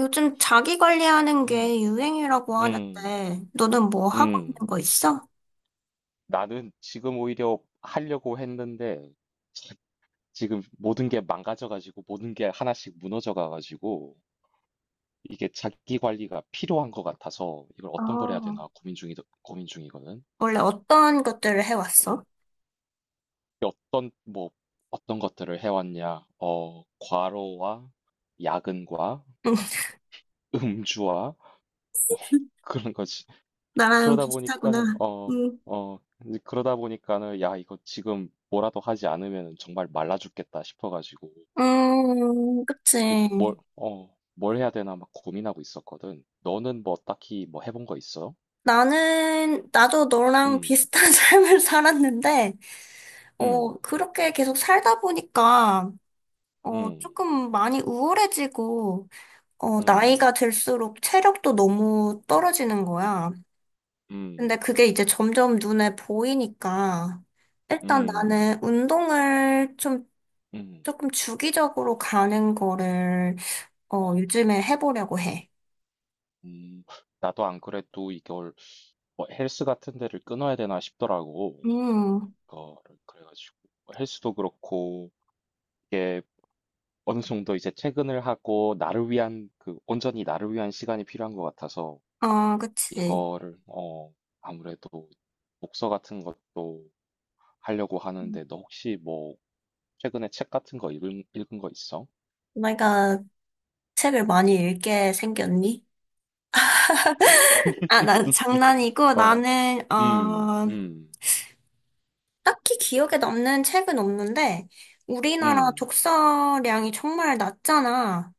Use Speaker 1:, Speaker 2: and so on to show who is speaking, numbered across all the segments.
Speaker 1: 요즘 자기 관리하는
Speaker 2: 음.
Speaker 1: 게 유행이라고
Speaker 2: 음.
Speaker 1: 하는데, 너는 뭐 하고
Speaker 2: 음.
Speaker 1: 있는 거 있어?
Speaker 2: 나는 지금 오히려 하려고 했는데 지금 모든 게 망가져 가지고 모든 게 하나씩 무너져 가 가지고 이게 자기 관리가 필요한 것 같아서 이걸 어떤 걸 해야
Speaker 1: 아,
Speaker 2: 되나 고민 중이거든.
Speaker 1: 원래 어떤 것들을 해왔어?
Speaker 2: 음. 어떤 뭐 어떤 것들을 해왔냐? 과로와 야근과 음주와 뭐 그런 거지.
Speaker 1: 나랑
Speaker 2: 그러다 보니까는
Speaker 1: 비슷하구나. 음,
Speaker 2: 어, 이제 그러다 보니까는 야, 이거 지금 뭐라도 하지 않으면 정말 말라 죽겠다 싶어 가지고 이게 뭘
Speaker 1: 그치.
Speaker 2: 어, 뭘 해야 되나 막 고민하고 있었거든. 너는 뭐 딱히 뭐 해본 거 있어?
Speaker 1: 나도 너랑
Speaker 2: 음.
Speaker 1: 비슷한 삶을 살았는데,
Speaker 2: 음.
Speaker 1: 그렇게 계속 살다 보니까,
Speaker 2: 음.
Speaker 1: 조금 많이 우울해지고,
Speaker 2: 음.
Speaker 1: 나이가 들수록 체력도 너무 떨어지는
Speaker 2: 음.
Speaker 1: 거야. 근데
Speaker 2: 음.
Speaker 1: 그게 이제 점점 눈에 보이니까 일단
Speaker 2: 음.
Speaker 1: 나는 운동을 좀
Speaker 2: 음.
Speaker 1: 조금 주기적으로 가는 거를
Speaker 2: 어.
Speaker 1: 요즘에 해보려고
Speaker 2: 어.
Speaker 1: 해.
Speaker 2: 음. 나도 안 그래도 이걸 뭐 헬스 같은 데를 끊어야 되나 싶더라고.
Speaker 1: 음,
Speaker 2: 그거를 그래가지고 뭐 헬스도 그렇고 이게 어느 정도 이제 퇴근을 하고 나를 위한 그 온전히 나를 위한 시간이 필요한 것 같아서
Speaker 1: 아, 그치.
Speaker 2: 이거를 아무래도 독서 같은 것도 하려고 하는데 너 혹시 뭐 최근에 책 같은 거 읽은 거 있어?
Speaker 1: 내가 책을 많이 읽게 생겼니? 아, 난 장난이고
Speaker 2: 어.
Speaker 1: 나는
Speaker 2: 음, 음,
Speaker 1: 딱히 기억에 남는 책은 없는데 우리나라
Speaker 2: 음,
Speaker 1: 독서량이 정말 낮잖아.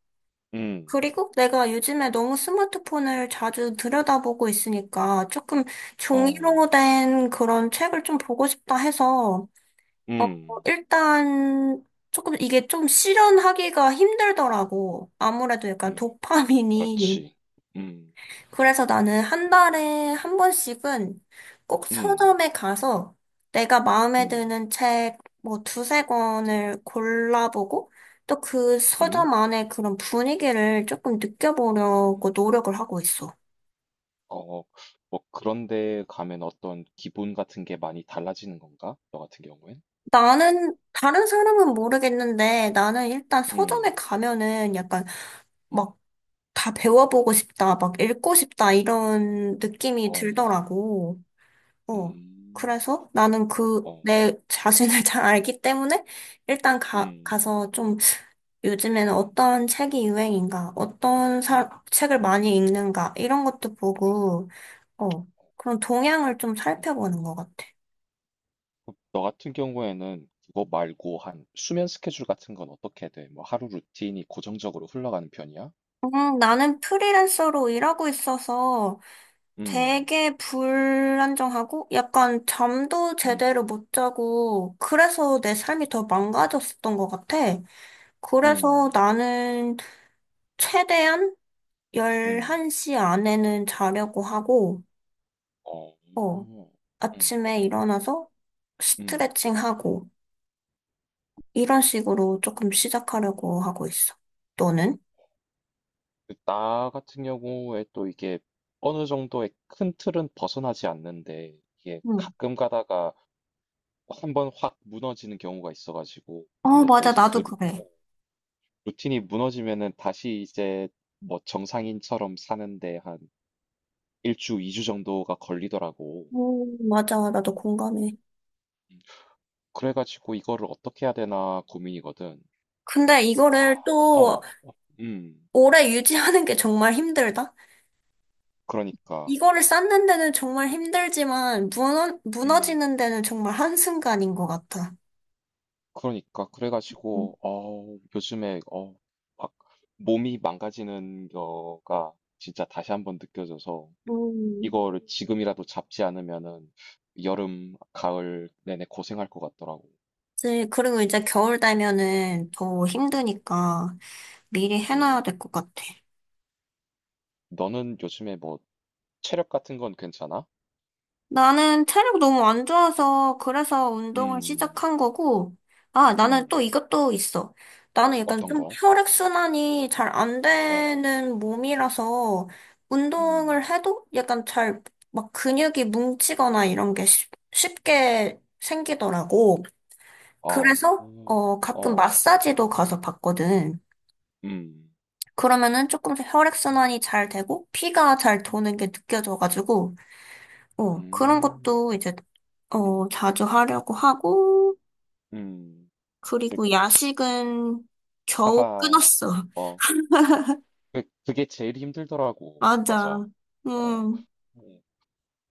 Speaker 2: 음,
Speaker 1: 그리고 내가 요즘에 너무 스마트폰을 자주 들여다보고 있으니까 조금
Speaker 2: 어,
Speaker 1: 종이로 된 그런 책을 좀 보고 싶다 해서, 어,
Speaker 2: 음,
Speaker 1: 일단 조금 이게 좀 실현하기가 힘들더라고. 아무래도 약간
Speaker 2: 음,
Speaker 1: 도파민이.
Speaker 2: 그렇지. 음,
Speaker 1: 그래서 나는 한 달에 한 번씩은 꼭
Speaker 2: 음,
Speaker 1: 서점에 가서 내가 마음에
Speaker 2: 음,
Speaker 1: 드는 책 뭐 두세 권을 골라보고 또 그
Speaker 2: 음.
Speaker 1: 서점 안에 그런 분위기를 조금 느껴보려고 노력을 하고 있어.
Speaker 2: 어, 뭐 그런데 가면 어떤 기분 같은 게 많이 달라지는 건가? 너 같은 경우엔?
Speaker 1: 나는 다른 사람은 모르겠는데 나는 일단
Speaker 2: 음.
Speaker 1: 서점에 가면은 약간
Speaker 2: 음.
Speaker 1: 막 다 배워보고 싶다, 막 읽고 싶다 이런 느낌이
Speaker 2: 어.
Speaker 1: 들더라고. 어.
Speaker 2: 음.
Speaker 1: 그래서 나는
Speaker 2: 어.
Speaker 1: 내 자신을 잘 알기 때문에 일단 가,
Speaker 2: 음.
Speaker 1: 가서 좀 요즘에는
Speaker 2: 음.
Speaker 1: 어떤 책이 유행인가,
Speaker 2: 음.
Speaker 1: 책을
Speaker 2: 음.
Speaker 1: 많이 읽는가, 이런 것도 보고, 어, 그런 동향을 좀
Speaker 2: 음.
Speaker 1: 살펴보는 것 같아.
Speaker 2: 그너 같은 경우에는 그거 말고 한 수면 스케줄 같은 건 어떻게 돼? 뭐 하루 루틴이 고정적으로 흘러가는 편이야?
Speaker 1: 나는 프리랜서로 일하고 있어서
Speaker 2: 음.
Speaker 1: 되게 불안정하고 약간 잠도
Speaker 2: 음.
Speaker 1: 제대로 못 자고 그래서 내 삶이 더 망가졌었던 것 같아. 그래서
Speaker 2: 음.
Speaker 1: 나는 최대한
Speaker 2: 음.
Speaker 1: 11시 안에는 자려고 하고,
Speaker 2: 어.
Speaker 1: 어,
Speaker 2: 음.
Speaker 1: 아침에 일어나서
Speaker 2: 음.
Speaker 1: 스트레칭하고, 이런 식으로 조금 시작하려고 하고 있어. 너는?
Speaker 2: 그나 같은 경우에 또 이게 어느 정도의 큰 틀은 벗어나지 않는데 이게
Speaker 1: 응.
Speaker 2: 가끔 가다가 한 번 확 무너지는 경우가 있어가지고
Speaker 1: 어,
Speaker 2: 근데 또
Speaker 1: 맞아.
Speaker 2: 이제
Speaker 1: 나도 그래.
Speaker 2: 루틴이 무너지면은 다시 이제 뭐 정상인처럼 사는데 한 일주, 이주 정도가 걸리더라고.
Speaker 1: 맞아. 나도 공감해.
Speaker 2: 음. 그래가지고 이거를 어떻게 해야 되나 고민이거든.
Speaker 1: 근데
Speaker 2: 아,
Speaker 1: 이거를 또
Speaker 2: 어, 어, 음,
Speaker 1: 오래 유지하는 게 정말 힘들다.
Speaker 2: 그러니까,
Speaker 1: 이거를 쌓는 데는 정말 힘들지만, 무너,
Speaker 2: 음,
Speaker 1: 무너지는 데는 정말 한순간인 것 같아.
Speaker 2: 그러니까 그래가지고 요즘에 막 몸이 망가지는 거가 진짜 다시 한번 느껴져서
Speaker 1: 음.
Speaker 2: 이거를 지금이라도 잡지 않으면은 여름, 가을 내내 고생할 것 같더라고.
Speaker 1: 이제 그리고 이제 겨울 되면은 더 힘드니까 미리
Speaker 2: 그치.
Speaker 1: 해놔야 될 것 같아.
Speaker 2: 너는 요즘에 뭐 체력 같은 건 괜찮아?
Speaker 1: 나는 체력 너무 안 좋아서 그래서 운동을
Speaker 2: 음,
Speaker 1: 시작한 거고, 아,
Speaker 2: 음,
Speaker 1: 나는 또 이것도 있어. 나는 약간
Speaker 2: 어떤
Speaker 1: 좀
Speaker 2: 거?
Speaker 1: 혈액순환이 잘 안
Speaker 2: 어,
Speaker 1: 되는 몸이라서
Speaker 2: 음,
Speaker 1: 운동을 해도 약간 잘 막 근육이 뭉치거나 이런 게 쉽게 생기더라고.
Speaker 2: 아,
Speaker 1: 그래서,
Speaker 2: 음,
Speaker 1: 가끔
Speaker 2: 어,
Speaker 1: 마사지도 가서 받거든.
Speaker 2: 음,
Speaker 1: 그러면은 조금
Speaker 2: 음,
Speaker 1: 혈액순환이 잘 되고, 피가 잘
Speaker 2: 음,
Speaker 1: 도는 게 느껴져가지고, 그런
Speaker 2: 음,
Speaker 1: 것도 이제,
Speaker 2: 음,
Speaker 1: 자주 하려고 하고,
Speaker 2: 음. 그,
Speaker 1: 그리고 야식은 겨우
Speaker 2: 하하,
Speaker 1: 끊었어.
Speaker 2: 어, 그게 제일 힘들더라고.
Speaker 1: 맞아.
Speaker 2: 맞아. 어,
Speaker 1: 음.
Speaker 2: 음.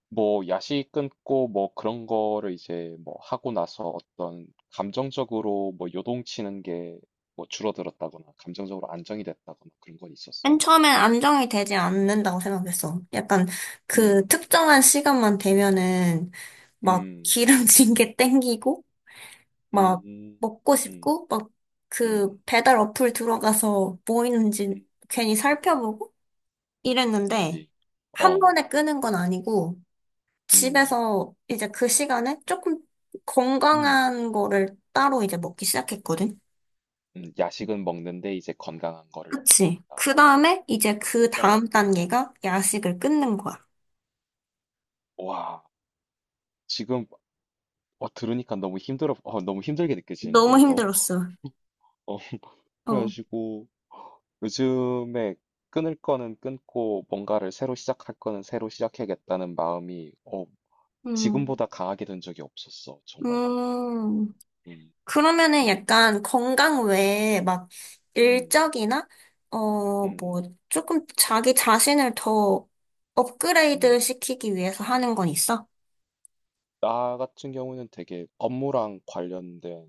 Speaker 2: 뭐 야식 끊고 뭐 그런 거를 이제 뭐 하고 나서 어떤 감정적으로 뭐 요동치는 게 뭐 줄어들었다거나 감정적으로 안정이 됐다거나 그런 건 있었어?
Speaker 1: 맨 처음엔 안정이 되지 않는다고 생각했어. 약간 그
Speaker 2: 음,
Speaker 1: 특정한 시간만 되면은 막
Speaker 2: 음,
Speaker 1: 기름진 게 땡기고, 막
Speaker 2: 음,
Speaker 1: 먹고
Speaker 2: 음,
Speaker 1: 싶고, 막 그
Speaker 2: 음,
Speaker 1: 배달 어플 들어가서 뭐 있는지
Speaker 2: 음,
Speaker 1: 괜히 살펴보고, 일했는데
Speaker 2: 그치.
Speaker 1: 한
Speaker 2: 어,
Speaker 1: 번에 끄는 건 아니고
Speaker 2: 음,
Speaker 1: 집에서 이제 그 시간에 조금
Speaker 2: 음,
Speaker 1: 건강한 거를 따로 이제 먹기 시작했거든.
Speaker 2: 야식은 먹는데 이제 건강한 거를
Speaker 1: 그치.
Speaker 2: 먹는다.
Speaker 1: 그 다음에 이제 그
Speaker 2: 어,
Speaker 1: 다음 단계가 야식을
Speaker 2: 음.
Speaker 1: 끊는 거야.
Speaker 2: 와, 지금 들으니까 너무 힘들어, 너무 힘들게 느껴지는데
Speaker 1: 너무
Speaker 2: 이거.
Speaker 1: 힘들었어.
Speaker 2: 어,
Speaker 1: 어.
Speaker 2: 그래가지고. 요즘에 끊을 거는 끊고 뭔가를 새로 시작할 거는 새로 시작해야겠다는 마음이
Speaker 1: 음.
Speaker 2: 지금보다 강하게 든 적이 없었어, 정말로.
Speaker 1: 음.
Speaker 2: 음,
Speaker 1: 그러면은 약간 건강 외에 막
Speaker 2: 음,
Speaker 1: 일적이나 뭐
Speaker 2: 음,
Speaker 1: 조금 자기 자신을 더 업그레이드
Speaker 2: 음.
Speaker 1: 시키기 위해서 하는 건 있어?
Speaker 2: 나 같은 경우는 되게 업무랑 관련된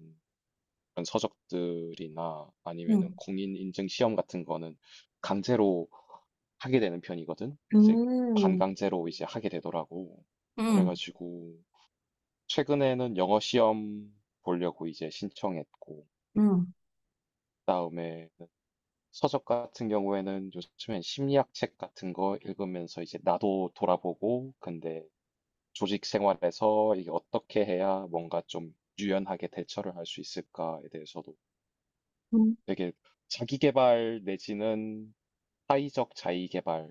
Speaker 2: 그런 서적들이나 아니면은
Speaker 1: 응.
Speaker 2: 공인인증 시험 같은 거는 강제로 하게 되는 편이거든. 이제
Speaker 1: 음,
Speaker 2: 반강제로 이제 하게 되더라고.
Speaker 1: 응,
Speaker 2: 그래가지고 최근에는 영어 시험 보려고 이제 신청했고
Speaker 1: 응.
Speaker 2: 그다음에 서적 같은 경우에는 요즘엔 심리학 책 같은 거 읽으면서 이제 나도 돌아보고 근데 조직 생활에서 이게 어떻게 해야 뭔가 좀 유연하게 대처를 할 수 있을까에 대해서도
Speaker 1: 음,
Speaker 2: 되게 자기 개발 내지는 사회적 자의 개발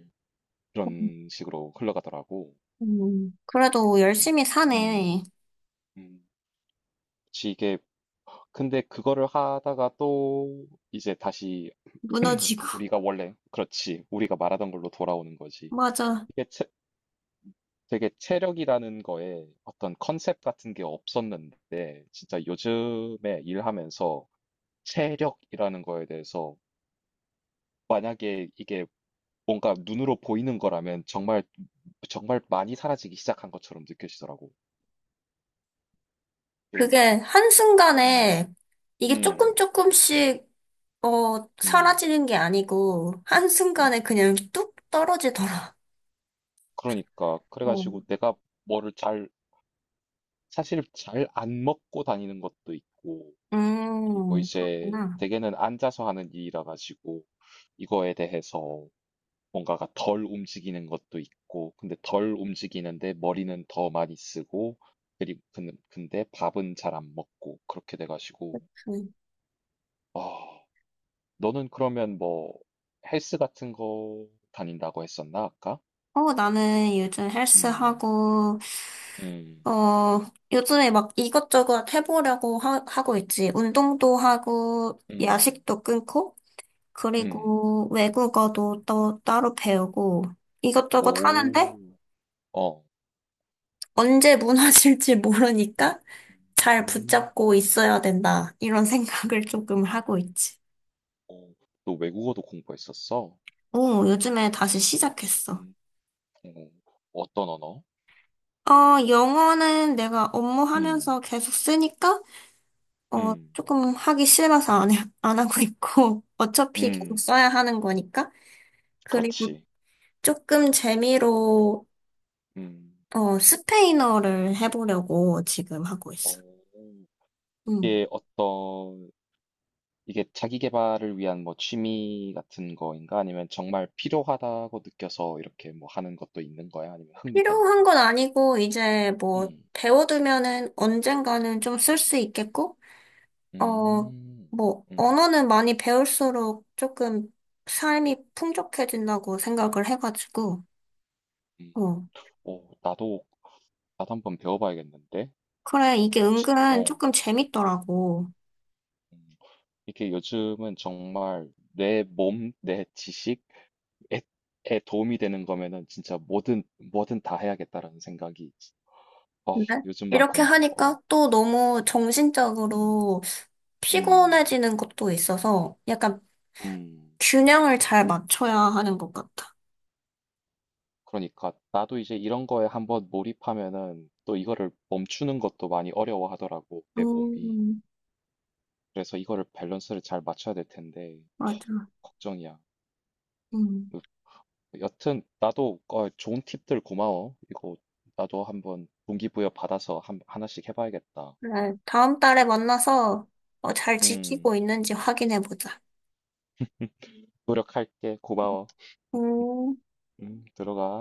Speaker 2: 그런 식으로 흘러가더라고.
Speaker 1: 그래도
Speaker 2: 음,
Speaker 1: 열심히 사네.
Speaker 2: 음, 음. 그치, 이게 근데 그거를 하다가 또 이제 다시
Speaker 1: 무너지고.
Speaker 2: 우리가 원래 그렇지 우리가 말하던 걸로 돌아오는 거지.
Speaker 1: 맞아.
Speaker 2: 이게 체- 되게 체력이라는 거에 어떤 컨셉 같은 게 없었는데, 진짜 요즘에 일하면서 체력이라는 거에 대해서 만약에 이게 뭔가 눈으로 보이는 거라면 정말, 정말 많이 사라지기 시작한 것처럼 느껴지더라고. 예.
Speaker 1: 그게
Speaker 2: 음,
Speaker 1: 한순간에 이게
Speaker 2: 음,
Speaker 1: 조금씩,
Speaker 2: 음,
Speaker 1: 사라지는 게 아니고,
Speaker 2: 음.
Speaker 1: 한순간에 그냥 뚝 떨어지더라.
Speaker 2: 그러니까.
Speaker 1: 어.
Speaker 2: 그래가지고 내가 뭐를 잘, 사실 잘 안 먹고 다니는 것도 있고, 그리고 이제
Speaker 1: 그렇구나.
Speaker 2: 대개는 앉아서 하는 일이라 가지고 이거에 대해서 뭔가가 덜 움직이는 것도 있고, 근데 덜 움직이는데 머리는 더 많이 쓰고, 그리고 근데 밥은 잘 안 먹고 그렇게 돼가지고,
Speaker 1: 음.
Speaker 2: 아, 너는 그러면 뭐 헬스 같은 거 다닌다고 했었나 아까?
Speaker 1: 나는 요즘
Speaker 2: 음,
Speaker 1: 헬스하고,
Speaker 2: 음,
Speaker 1: 어, 요즘에 막 이것저것 해보려고 하고 있지. 운동도 하고,
Speaker 2: 음,
Speaker 1: 야식도 끊고,
Speaker 2: 음,
Speaker 1: 그리고 외국어도 또 따로 배우고 이것저것 하는데
Speaker 2: 오, 어,
Speaker 1: 언제 무너질지 모르니까
Speaker 2: 음,
Speaker 1: 잘
Speaker 2: 음.
Speaker 1: 붙잡고 있어야 된다. 이런 생각을 조금 하고 있지.
Speaker 2: 어, 너 외국어도 공부했었어?
Speaker 1: 오, 요즘에 다시 시작했어.
Speaker 2: 음. 어. 어떤 언어?
Speaker 1: 영어는 내가
Speaker 2: 음.
Speaker 1: 업무하면서 계속 쓰니까
Speaker 2: 음.
Speaker 1: 조금 하기 싫어서 안 하고 있고 어차피 계속
Speaker 2: 음.
Speaker 1: 써야 하는 거니까. 그리고
Speaker 2: 그렇지.
Speaker 1: 조금 재미로
Speaker 2: 음.
Speaker 1: 스페인어를 해보려고 지금 하고 있어.
Speaker 2: 어.
Speaker 1: 음.
Speaker 2: 이게 어떤 이게 자기 계발을 위한 뭐 취미 같은 거인가? 아니면 정말 필요하다고 느껴서 이렇게 뭐 하는 것도 있는 거야? 아니면 흥미 때문에
Speaker 1: 필요한
Speaker 2: 하는
Speaker 1: 건
Speaker 2: 거?
Speaker 1: 아니고, 이제 뭐,
Speaker 2: 음.
Speaker 1: 배워두면은 언젠가는 좀 쓸 수 있겠고, 어,
Speaker 2: 음.
Speaker 1: 뭐,
Speaker 2: 음.
Speaker 1: 언어는 많이 배울수록 조금 삶이 풍족해진다고 생각을 해가지고,
Speaker 2: 음.
Speaker 1: 어,
Speaker 2: 오, 나도 한번 배워봐야겠는데.
Speaker 1: 그래, 이게
Speaker 2: 그치? 음.
Speaker 1: 은근
Speaker 2: 어.
Speaker 1: 조금 재밌더라고.
Speaker 2: 음. 이게 요즘은 정말 내 몸, 내 지식, 에, 에 도움이 되는 거면은 진짜 뭐든 뭐든 다 해야겠다라는 생각이 어,
Speaker 1: 근데 이렇게
Speaker 2: 요즘만큼
Speaker 1: 하니까 또 너무
Speaker 2: 어, 음,
Speaker 1: 정신적으로
Speaker 2: 음,
Speaker 1: 피곤해지는 것도 있어서 약간
Speaker 2: 음.
Speaker 1: 균형을 잘 맞춰야 하는 것 같아.
Speaker 2: 그러니까 나도 이제 이런 거에 한번 몰입하면은 또 이거를 멈추는 것도 많이 어려워하더라고 내 몸이.
Speaker 1: 음,
Speaker 2: 그래서 이거를 밸런스를 잘 맞춰야 될 텐데
Speaker 1: 맞아.
Speaker 2: 걱정이야.
Speaker 1: 음.
Speaker 2: 으, 여튼 나도 좋은 팁들 고마워. 이거 나도 한번 동기부여 받아서 하나씩 해봐야겠다.
Speaker 1: 그래, 다음 달에 만나서 잘 지키고
Speaker 2: 음,
Speaker 1: 있는지 확인해 보자.
Speaker 2: 노력할게. 고마워.
Speaker 1: 음.
Speaker 2: 응, 들어가.